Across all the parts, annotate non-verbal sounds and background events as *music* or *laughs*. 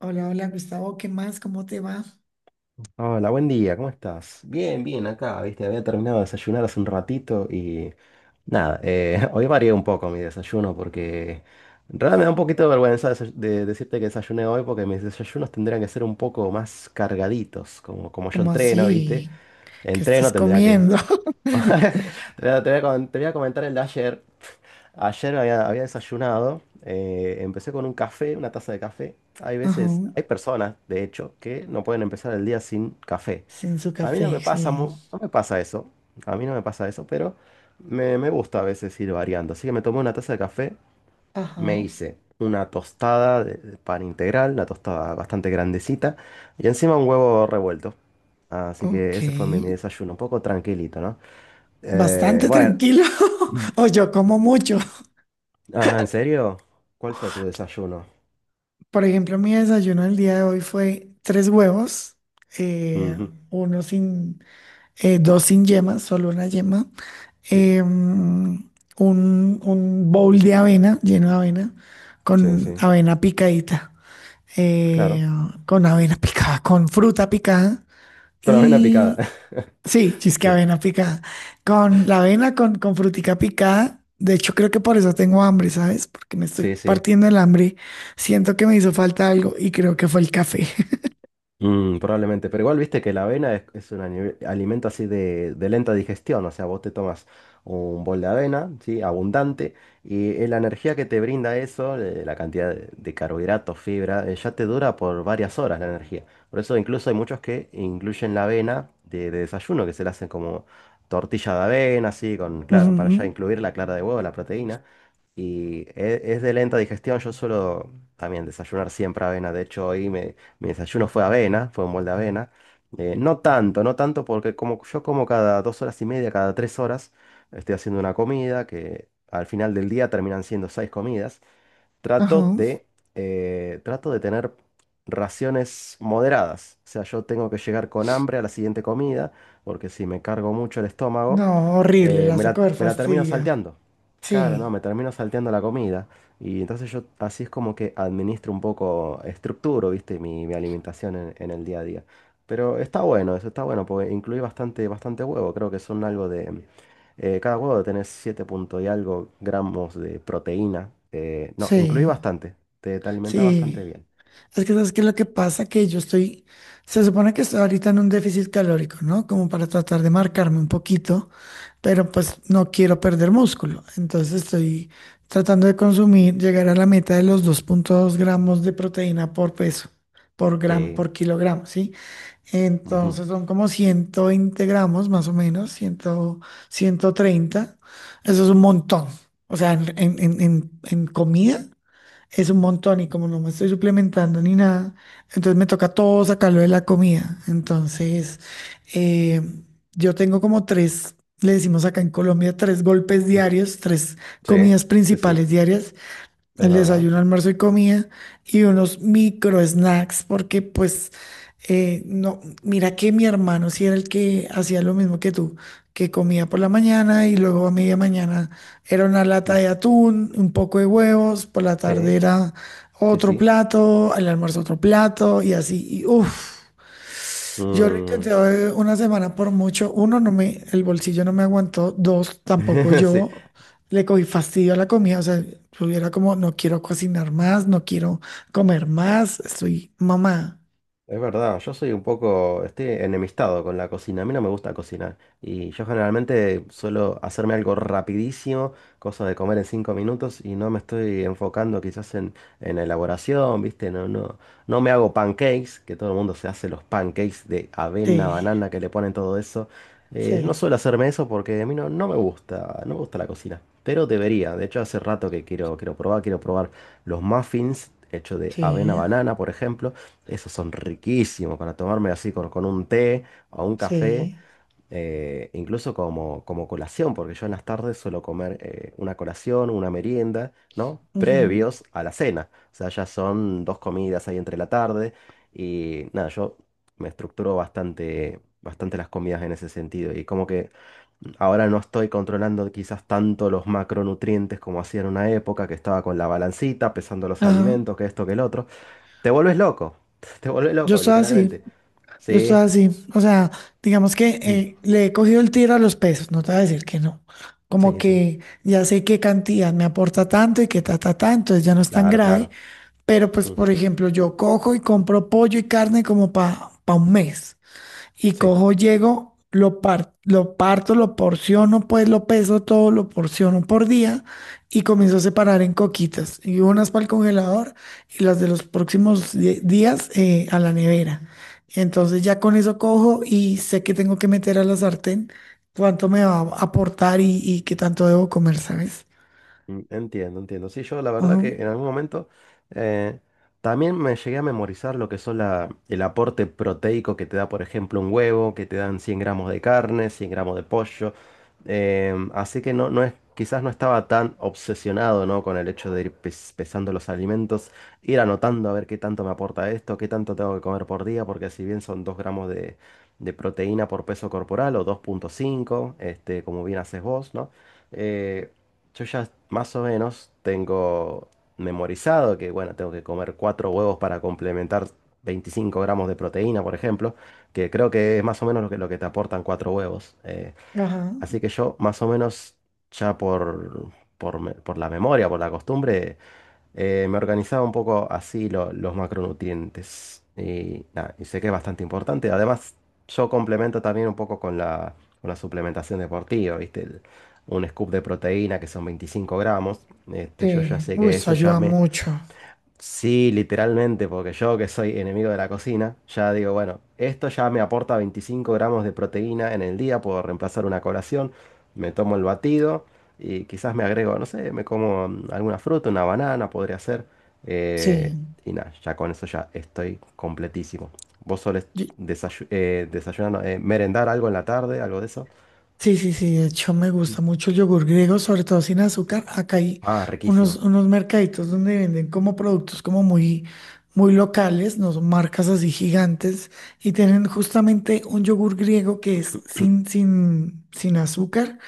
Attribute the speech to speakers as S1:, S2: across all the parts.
S1: Hola, hola Gustavo, ¿qué más? ¿Cómo te va?
S2: Hola, buen día, ¿cómo estás? Bien, bien, acá, viste, había terminado de desayunar hace un ratito y nada, *laughs* hoy varié un poco mi desayuno porque en realidad me da un poquito de vergüenza decirte que desayuné hoy porque mis desayunos tendrían que ser un poco más cargaditos, como yo
S1: ¿Cómo
S2: entreno, viste,
S1: así? ¿Qué
S2: entreno
S1: estás
S2: tendría que...
S1: comiendo? *laughs*
S2: *laughs* Te voy a com- te voy a comentar el de ayer. Ayer había desayunado, empecé con un café, una taza de café. Hay
S1: Ajá,
S2: veces, hay personas, de hecho, que no pueden empezar el día sin café.
S1: sin su
S2: A mí no
S1: café,
S2: me pasa,
S1: sí.
S2: no me pasa eso, a mí no me pasa eso, pero me gusta a veces ir variando. Así que me tomé una taza de café, me
S1: Ajá,
S2: hice una tostada de pan integral, una tostada bastante grandecita, y encima un huevo revuelto. Así
S1: ok.
S2: que ese fue mi, mi desayuno, un poco tranquilito, ¿no?
S1: Bastante
S2: Bueno.
S1: tranquilo. *laughs*
S2: Mm.
S1: O yo como mucho.
S2: Ah, ¿en serio? ¿Cuál fue tu desayuno?
S1: Por ejemplo, mi desayuno el día de hoy fue tres huevos, eh,
S2: Ujú,
S1: uno sin, dos sin yema, solo una yema,
S2: sí,
S1: eh, un, un bowl de avena, lleno de avena,
S2: sí,
S1: con
S2: sí.
S1: avena picadita. eh,
S2: Claro.
S1: con avena picada, con fruta picada
S2: Con la avena picada.
S1: y
S2: *laughs*
S1: sí, chisque
S2: Sí,
S1: avena picada, con la avena, con frutica picada. De hecho, creo que por eso tengo hambre, ¿sabes? Porque me estoy
S2: sí, sí.
S1: partiendo el hambre. Siento que me hizo falta algo y creo que fue el café. *laughs*
S2: Mm, probablemente, pero igual viste que la avena es un alimento así de lenta digestión, o sea, vos te tomas un bol de avena, ¿sí? Abundante, y la energía que te brinda eso, la cantidad de carbohidratos, fibra, ya te dura por varias horas la energía. Por eso incluso hay muchos que incluyen la avena de desayuno, que se la hacen como tortilla de avena, así, para ya
S1: Ujú.
S2: incluir la clara de huevo, la proteína. Y es de lenta digestión. Yo suelo también desayunar siempre avena. De hecho, hoy mi desayuno fue avena, fue un molde de avena. No tanto, no tanto porque como yo como cada 2 horas y media, cada 3 horas, estoy haciendo una comida que al final del día terminan siendo seis comidas. Trato
S1: Ajá.
S2: de, trato de tener raciones moderadas. O sea, yo tengo que llegar con hambre a la siguiente comida, porque si me cargo mucho el estómago,
S1: No, horrible, la
S2: me la,
S1: saco de
S2: me la termino
S1: fastidio.
S2: salteando. Claro, no,
S1: Sí,
S2: me termino salteando la comida. Y entonces yo así es como que administro un poco, estructuro, viste, mi alimentación en el día a día. Pero está bueno, eso está bueno, porque incluí bastante, bastante huevo. Creo que son algo de, cada huevo debe tener 7 punto y algo gramos de proteína. No, incluí
S1: sí,
S2: bastante. Te alimenta bastante
S1: sí.
S2: bien.
S1: Es que sabes que lo que pasa que se supone que estoy ahorita en un déficit calórico, ¿no? Como para tratar de marcarme un poquito. Pero pues no quiero perder músculo. Entonces estoy tratando de consumir, llegar a la meta de los dos punto dos gramos de proteína por peso,
S2: Sí.
S1: por kilogramo, ¿sí?
S2: Ujú.
S1: Entonces son como 120 gramos más o menos, 100, 130. Eso es un montón. O sea, en comida es un montón y como no me estoy suplementando ni nada, entonces me toca todo sacarlo de la comida. Entonces, eh, yo tengo como tres, le decimos acá en Colombia, tres golpes
S2: Mm.
S1: diarios, tres
S2: Sí,
S1: comidas
S2: sí, sí.
S1: principales diarias,
S2: Es
S1: el
S2: verdad.
S1: desayuno, almuerzo y comida, y unos micro snacks porque pues no, mira que mi hermano sí era el que hacía lo mismo que tú, que comía por la mañana y luego a media mañana era una lata
S2: Mm.
S1: de atún, un poco de huevos, por la tarde
S2: Sí,
S1: era
S2: sí,
S1: otro
S2: sí.
S1: plato, al almuerzo otro plato y así, y uff. Yo lo intenté
S2: Mm.
S1: una semana por mucho. Uno, no me, el bolsillo no me aguantó. Dos, tampoco
S2: *laughs* Sí.
S1: yo le cogí fastidio a la comida. O sea, tuviera como, no quiero cocinar más, no quiero comer más. Estoy mamá.
S2: Es verdad, yo soy un poco, estoy enemistado con la cocina, a mí no me gusta cocinar y yo generalmente suelo hacerme algo rapidísimo, cosa de comer en 5 minutos y no me estoy enfocando quizás en la elaboración, ¿viste? No, no, no me hago pancakes, que todo el mundo se hace los pancakes de avena,
S1: Sí,
S2: banana, que le ponen todo eso. Yo no
S1: sí,
S2: suelo hacerme eso porque a mí no, no me gusta, no me gusta la cocina, pero debería, de hecho hace rato que quiero, quiero probar los muffins hechos de avena,
S1: sí,
S2: banana, por ejemplo. Esos son riquísimos para tomarme así con un té o un café,
S1: sí.
S2: incluso como, como colación, porque yo en las tardes suelo comer una colación, una merienda, ¿no?
S1: Ujú.
S2: Previos a la cena. O sea, ya son dos comidas ahí entre la tarde y nada, yo me estructuro bastante, bastante las comidas en ese sentido y como que ahora no estoy controlando quizás tanto los macronutrientes como hacía en una época que estaba con la balancita, pesando los
S1: Ajá.
S2: alimentos, que esto, que el otro. Te vuelves loco. *laughs* Te vuelves
S1: Yo
S2: loco,
S1: estoy
S2: literalmente.
S1: así, yo estoy
S2: Sí.
S1: así. O sea, digamos que
S2: Mm.
S1: le he cogido el tiro a los pesos, no te voy a decir que no. Como
S2: Sí, sí.
S1: que ya sé qué cantidad me aporta tanto y qué ta, ta, ta, entonces ya no es tan
S2: Claro,
S1: grave.
S2: claro.
S1: Pero pues,
S2: Mm.
S1: por ejemplo, yo cojo y compro pollo y carne como para un mes. Y
S2: Sí.
S1: cojo, llego, lo parto, lo porciono, pues lo peso todo, lo porciono por día y comienzo a separar en coquitas. Y unas para el congelador y las de los próximos días a la nevera. Entonces ya con eso cojo y sé que tengo que meter a la sartén cuánto me va a aportar y qué tanto debo comer, ¿sabes?
S2: Mm, entiendo, entiendo. Sí, yo la verdad
S1: Ujú.
S2: que en algún momento eh, también me llegué a memorizar lo que son el aporte proteico que te da, por ejemplo, un huevo, que te dan 100 gramos de carne, 100 gramos de pollo. Em, así que no, no es, quizás no estaba tan obsesionado, ¿no?, con el hecho de ir pesando los alimentos, ir anotando a ver qué tanto me aporta esto, qué tanto tengo que comer por día, porque si bien son 2 gramos de proteína por peso corporal o 2,5, este, como bien haces vos, ¿no? Eh, yo ya más o menos tengo memorizado que, bueno, tengo que comer cuatro huevos para complementar 25 gramos de proteína, por ejemplo, que creo que es más o menos lo que te aportan cuatro huevos.
S1: Ajá.
S2: Así que yo más o menos ya por la memoria, por la costumbre, me organizaba un poco así los macronutrientes. Y, nada, y sé que es bastante importante. Además, yo complemento también un poco con la suplementación deportiva, ¿viste? Un scoop de proteína que son 25 gramos. Este, yo ya
S1: Sí,
S2: sé
S1: uy,
S2: que
S1: eso
S2: eso ya
S1: ayuda
S2: me...
S1: mucho.
S2: Sí, literalmente, porque yo que soy enemigo de la cocina, ya digo, bueno, esto ya me aporta 25 gramos de proteína en el día, puedo reemplazar una colación, me tomo el batido y quizás me agrego, no sé, me como alguna fruta, una banana, podría ser, eh,
S1: Sí,
S2: y nada, ya con eso ya estoy completísimo. ¿Vos solés
S1: yo-
S2: desayunar, no, merendar algo en la tarde, algo de eso?
S1: sí, sí, sí. De hecho, me gusta mucho el yogur griego, sobre todo sin azúcar. Acá hay
S2: Ah, riquísimo.
S1: unos mercaditos donde venden como productos como muy locales, no son marcas así gigantes, y tienen justamente un yogur griego que es sin azúcar.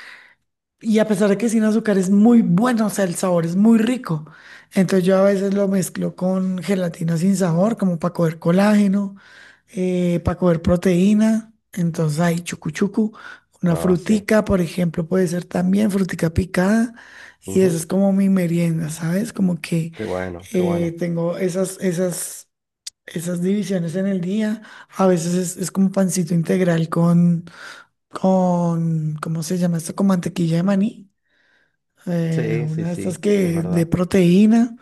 S1: Y a pesar de que sin azúcar es muy bueno, o sea, el sabor es muy rico. Entonces yo a veces lo mezclo con gelatina sin sabor, como para coger colágeno, para coger proteína. Entonces hay chucu chucu, una
S2: Ah, sí.
S1: frutica, por ejemplo, puede ser también frutica picada. Y eso
S2: Ujú.
S1: es como mi merienda, ¿sabes? Como que
S2: Qué bueno, qué bueno.
S1: tengo esas divisiones en el día. A veces es como pancito integral con, ¿cómo se llama esto? Con mantequilla de maní a
S2: Sí, sí,
S1: una de estas
S2: sí, es
S1: que de
S2: verdad.
S1: proteína.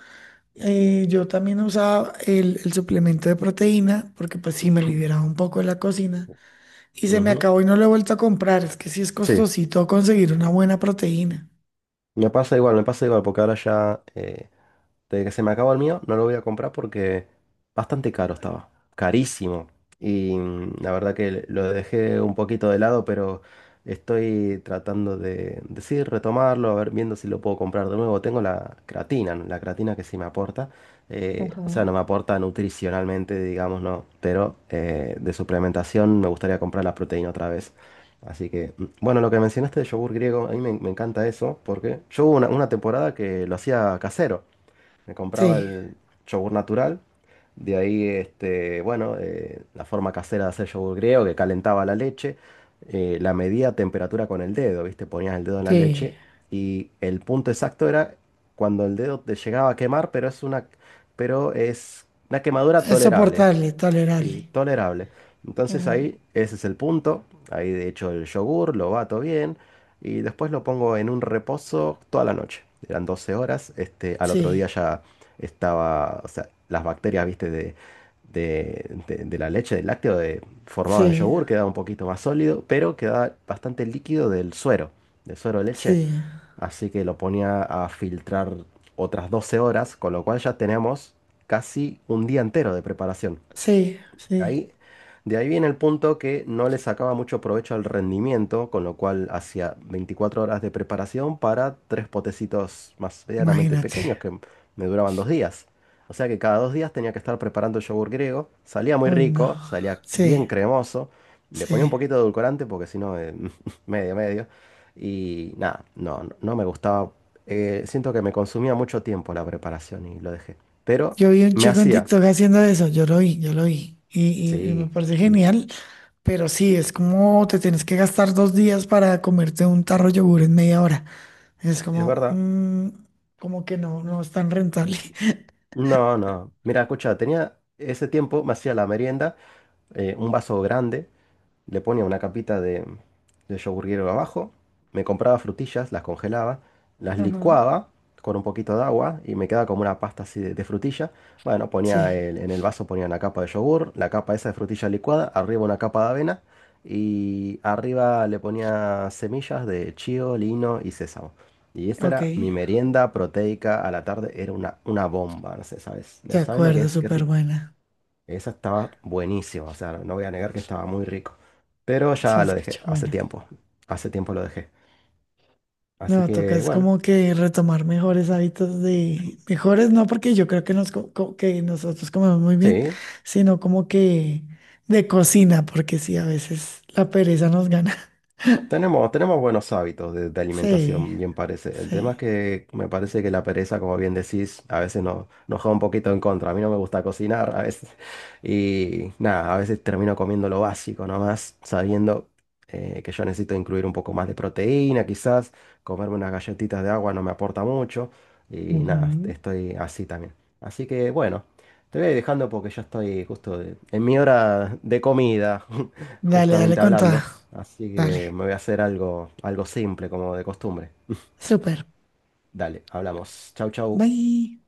S1: Yo también usaba el suplemento de proteína porque pues sí me
S2: *clears throat*
S1: liberaba un poco de la cocina y se me
S2: Ujú.
S1: acabó y no lo he vuelto a comprar. Es que sí es
S2: Sí.
S1: costosito conseguir una buena proteína.
S2: Me pasa igual, porque ahora ya desde que se me acabó el mío, no lo voy a comprar porque bastante caro estaba, carísimo. Y la verdad que lo dejé un poquito de lado, pero estoy tratando de decir, retomarlo, a ver, viendo si lo puedo comprar de nuevo. Tengo la creatina, ¿no?, la creatina que sí me aporta.
S1: Ajá.
S2: O sea, no me aporta nutricionalmente, digamos, no, pero de suplementación me gustaría comprar la proteína otra vez. Así que, mm, bueno, lo que mencionaste de yogur griego, a mí me encanta eso, porque yo hubo una temporada que lo hacía casero. Me compraba
S1: Sí,
S2: el yogur natural. De ahí, este, bueno, la forma casera de hacer yogur griego, que calentaba la leche, la medía a temperatura con el dedo, ¿viste? Ponías el dedo en la
S1: sí.
S2: leche y el punto exacto era cuando el dedo te llegaba a quemar, pero pero es una quemadura
S1: Es
S2: tolerable.
S1: soportable, tolerable.
S2: Sí, tolerable. Entonces
S1: Ajá.
S2: ahí, ese es el punto. Ahí de hecho el yogur lo bato bien y después lo pongo en un reposo toda la noche. Eran 12 horas. Este, al otro día
S1: Sí,
S2: ya estaba, o sea, las bacterias, viste, de la leche, del lácteo, de, formaban
S1: sí,
S2: yogur, quedaba un poquito más sólido, pero quedaba bastante líquido del suero de leche.
S1: sí,
S2: Así que lo ponía a filtrar otras 12 horas, con lo cual ya tenemos casi un día entero de preparación.
S1: sí, sí.
S2: Ahí, de ahí viene el punto que no le sacaba mucho provecho al rendimiento, con lo cual hacía 24 horas de preparación para tres potecitos más medianamente
S1: Imagínate.
S2: pequeños que me duraban 2 días. O sea que cada 2 días tenía que estar preparando el yogur griego. Salía muy
S1: Uy, no.
S2: rico, salía bien
S1: Sí,
S2: cremoso. Le ponía un
S1: sí.
S2: poquito de edulcorante porque si no, *laughs* medio, medio. Y nada, no, no me gustaba. Siento que me consumía mucho tiempo la preparación y lo dejé. Pero
S1: Yo vi un
S2: me
S1: chico en
S2: hacía,
S1: TikTok haciendo eso, yo lo vi, yo lo vi. Y, y me
S2: sí,
S1: parece genial, pero sí, es como te tienes que gastar dos días para comerte un tarro de yogur en media hora. Es
S2: es
S1: como,
S2: verdad.
S1: mm, como que no, no es tan rentable.
S2: No, no. Mira, escucha, tenía ese tiempo, me hacía la merienda, un vaso grande, le ponía una capita de yogur griego abajo, me compraba frutillas, las congelaba, las
S1: *laughs* Ujú.
S2: licuaba con un poquito de agua y me quedaba como una pasta así de frutilla. Bueno, ponía
S1: Sí,
S2: en el vaso ponía una capa de yogur, la capa esa de frutilla licuada, arriba una capa de avena y arriba le ponía semillas de chío, lino y sésamo. Y esta
S1: ok,
S2: era mi
S1: de
S2: merienda proteica a la tarde, era una bomba, no sé, ¿sabes? ¿Lo sabes lo que
S1: acuerdo,
S2: es? Qué
S1: súper
S2: rico.
S1: buena.
S2: Esa estaba buenísima, o sea, no voy a negar que estaba muy rico. Pero
S1: Se
S2: ya lo
S1: escucha
S2: dejé
S1: buena.
S2: hace tiempo lo dejé. Así
S1: No,
S2: que
S1: tocas
S2: bueno,
S1: como que retomar mejores hábitos de, mejores no porque yo creo que, que nosotros comemos muy bien,
S2: sí,
S1: sino como que de cocina, porque sí, a veces la pereza nos gana. *laughs*
S2: tenemos buenos hábitos de
S1: Sí,
S2: alimentación, bien parece. El tema es
S1: sí.
S2: que me parece que la pereza, como bien decís, a veces nos juega un poquito en contra. A mí no me gusta cocinar *laughs* a veces. Y nada, a veces termino comiendo lo básico nomás, sabiendo que yo necesito incluir un poco más de proteína, quizás. Comerme unas galletitas de agua no me aporta mucho. Y nada,
S1: Ujú.
S2: estoy así también. Así que bueno, te voy a ir dejando porque ya estoy justo en mi hora de comida, *laughs*
S1: Dale, dale
S2: justamente
S1: con toda.
S2: hablando. Así que
S1: Dale.
S2: me voy a hacer algo simple como de costumbre.
S1: Súper.
S2: Dale, hablamos. Chau, chau.
S1: Bye.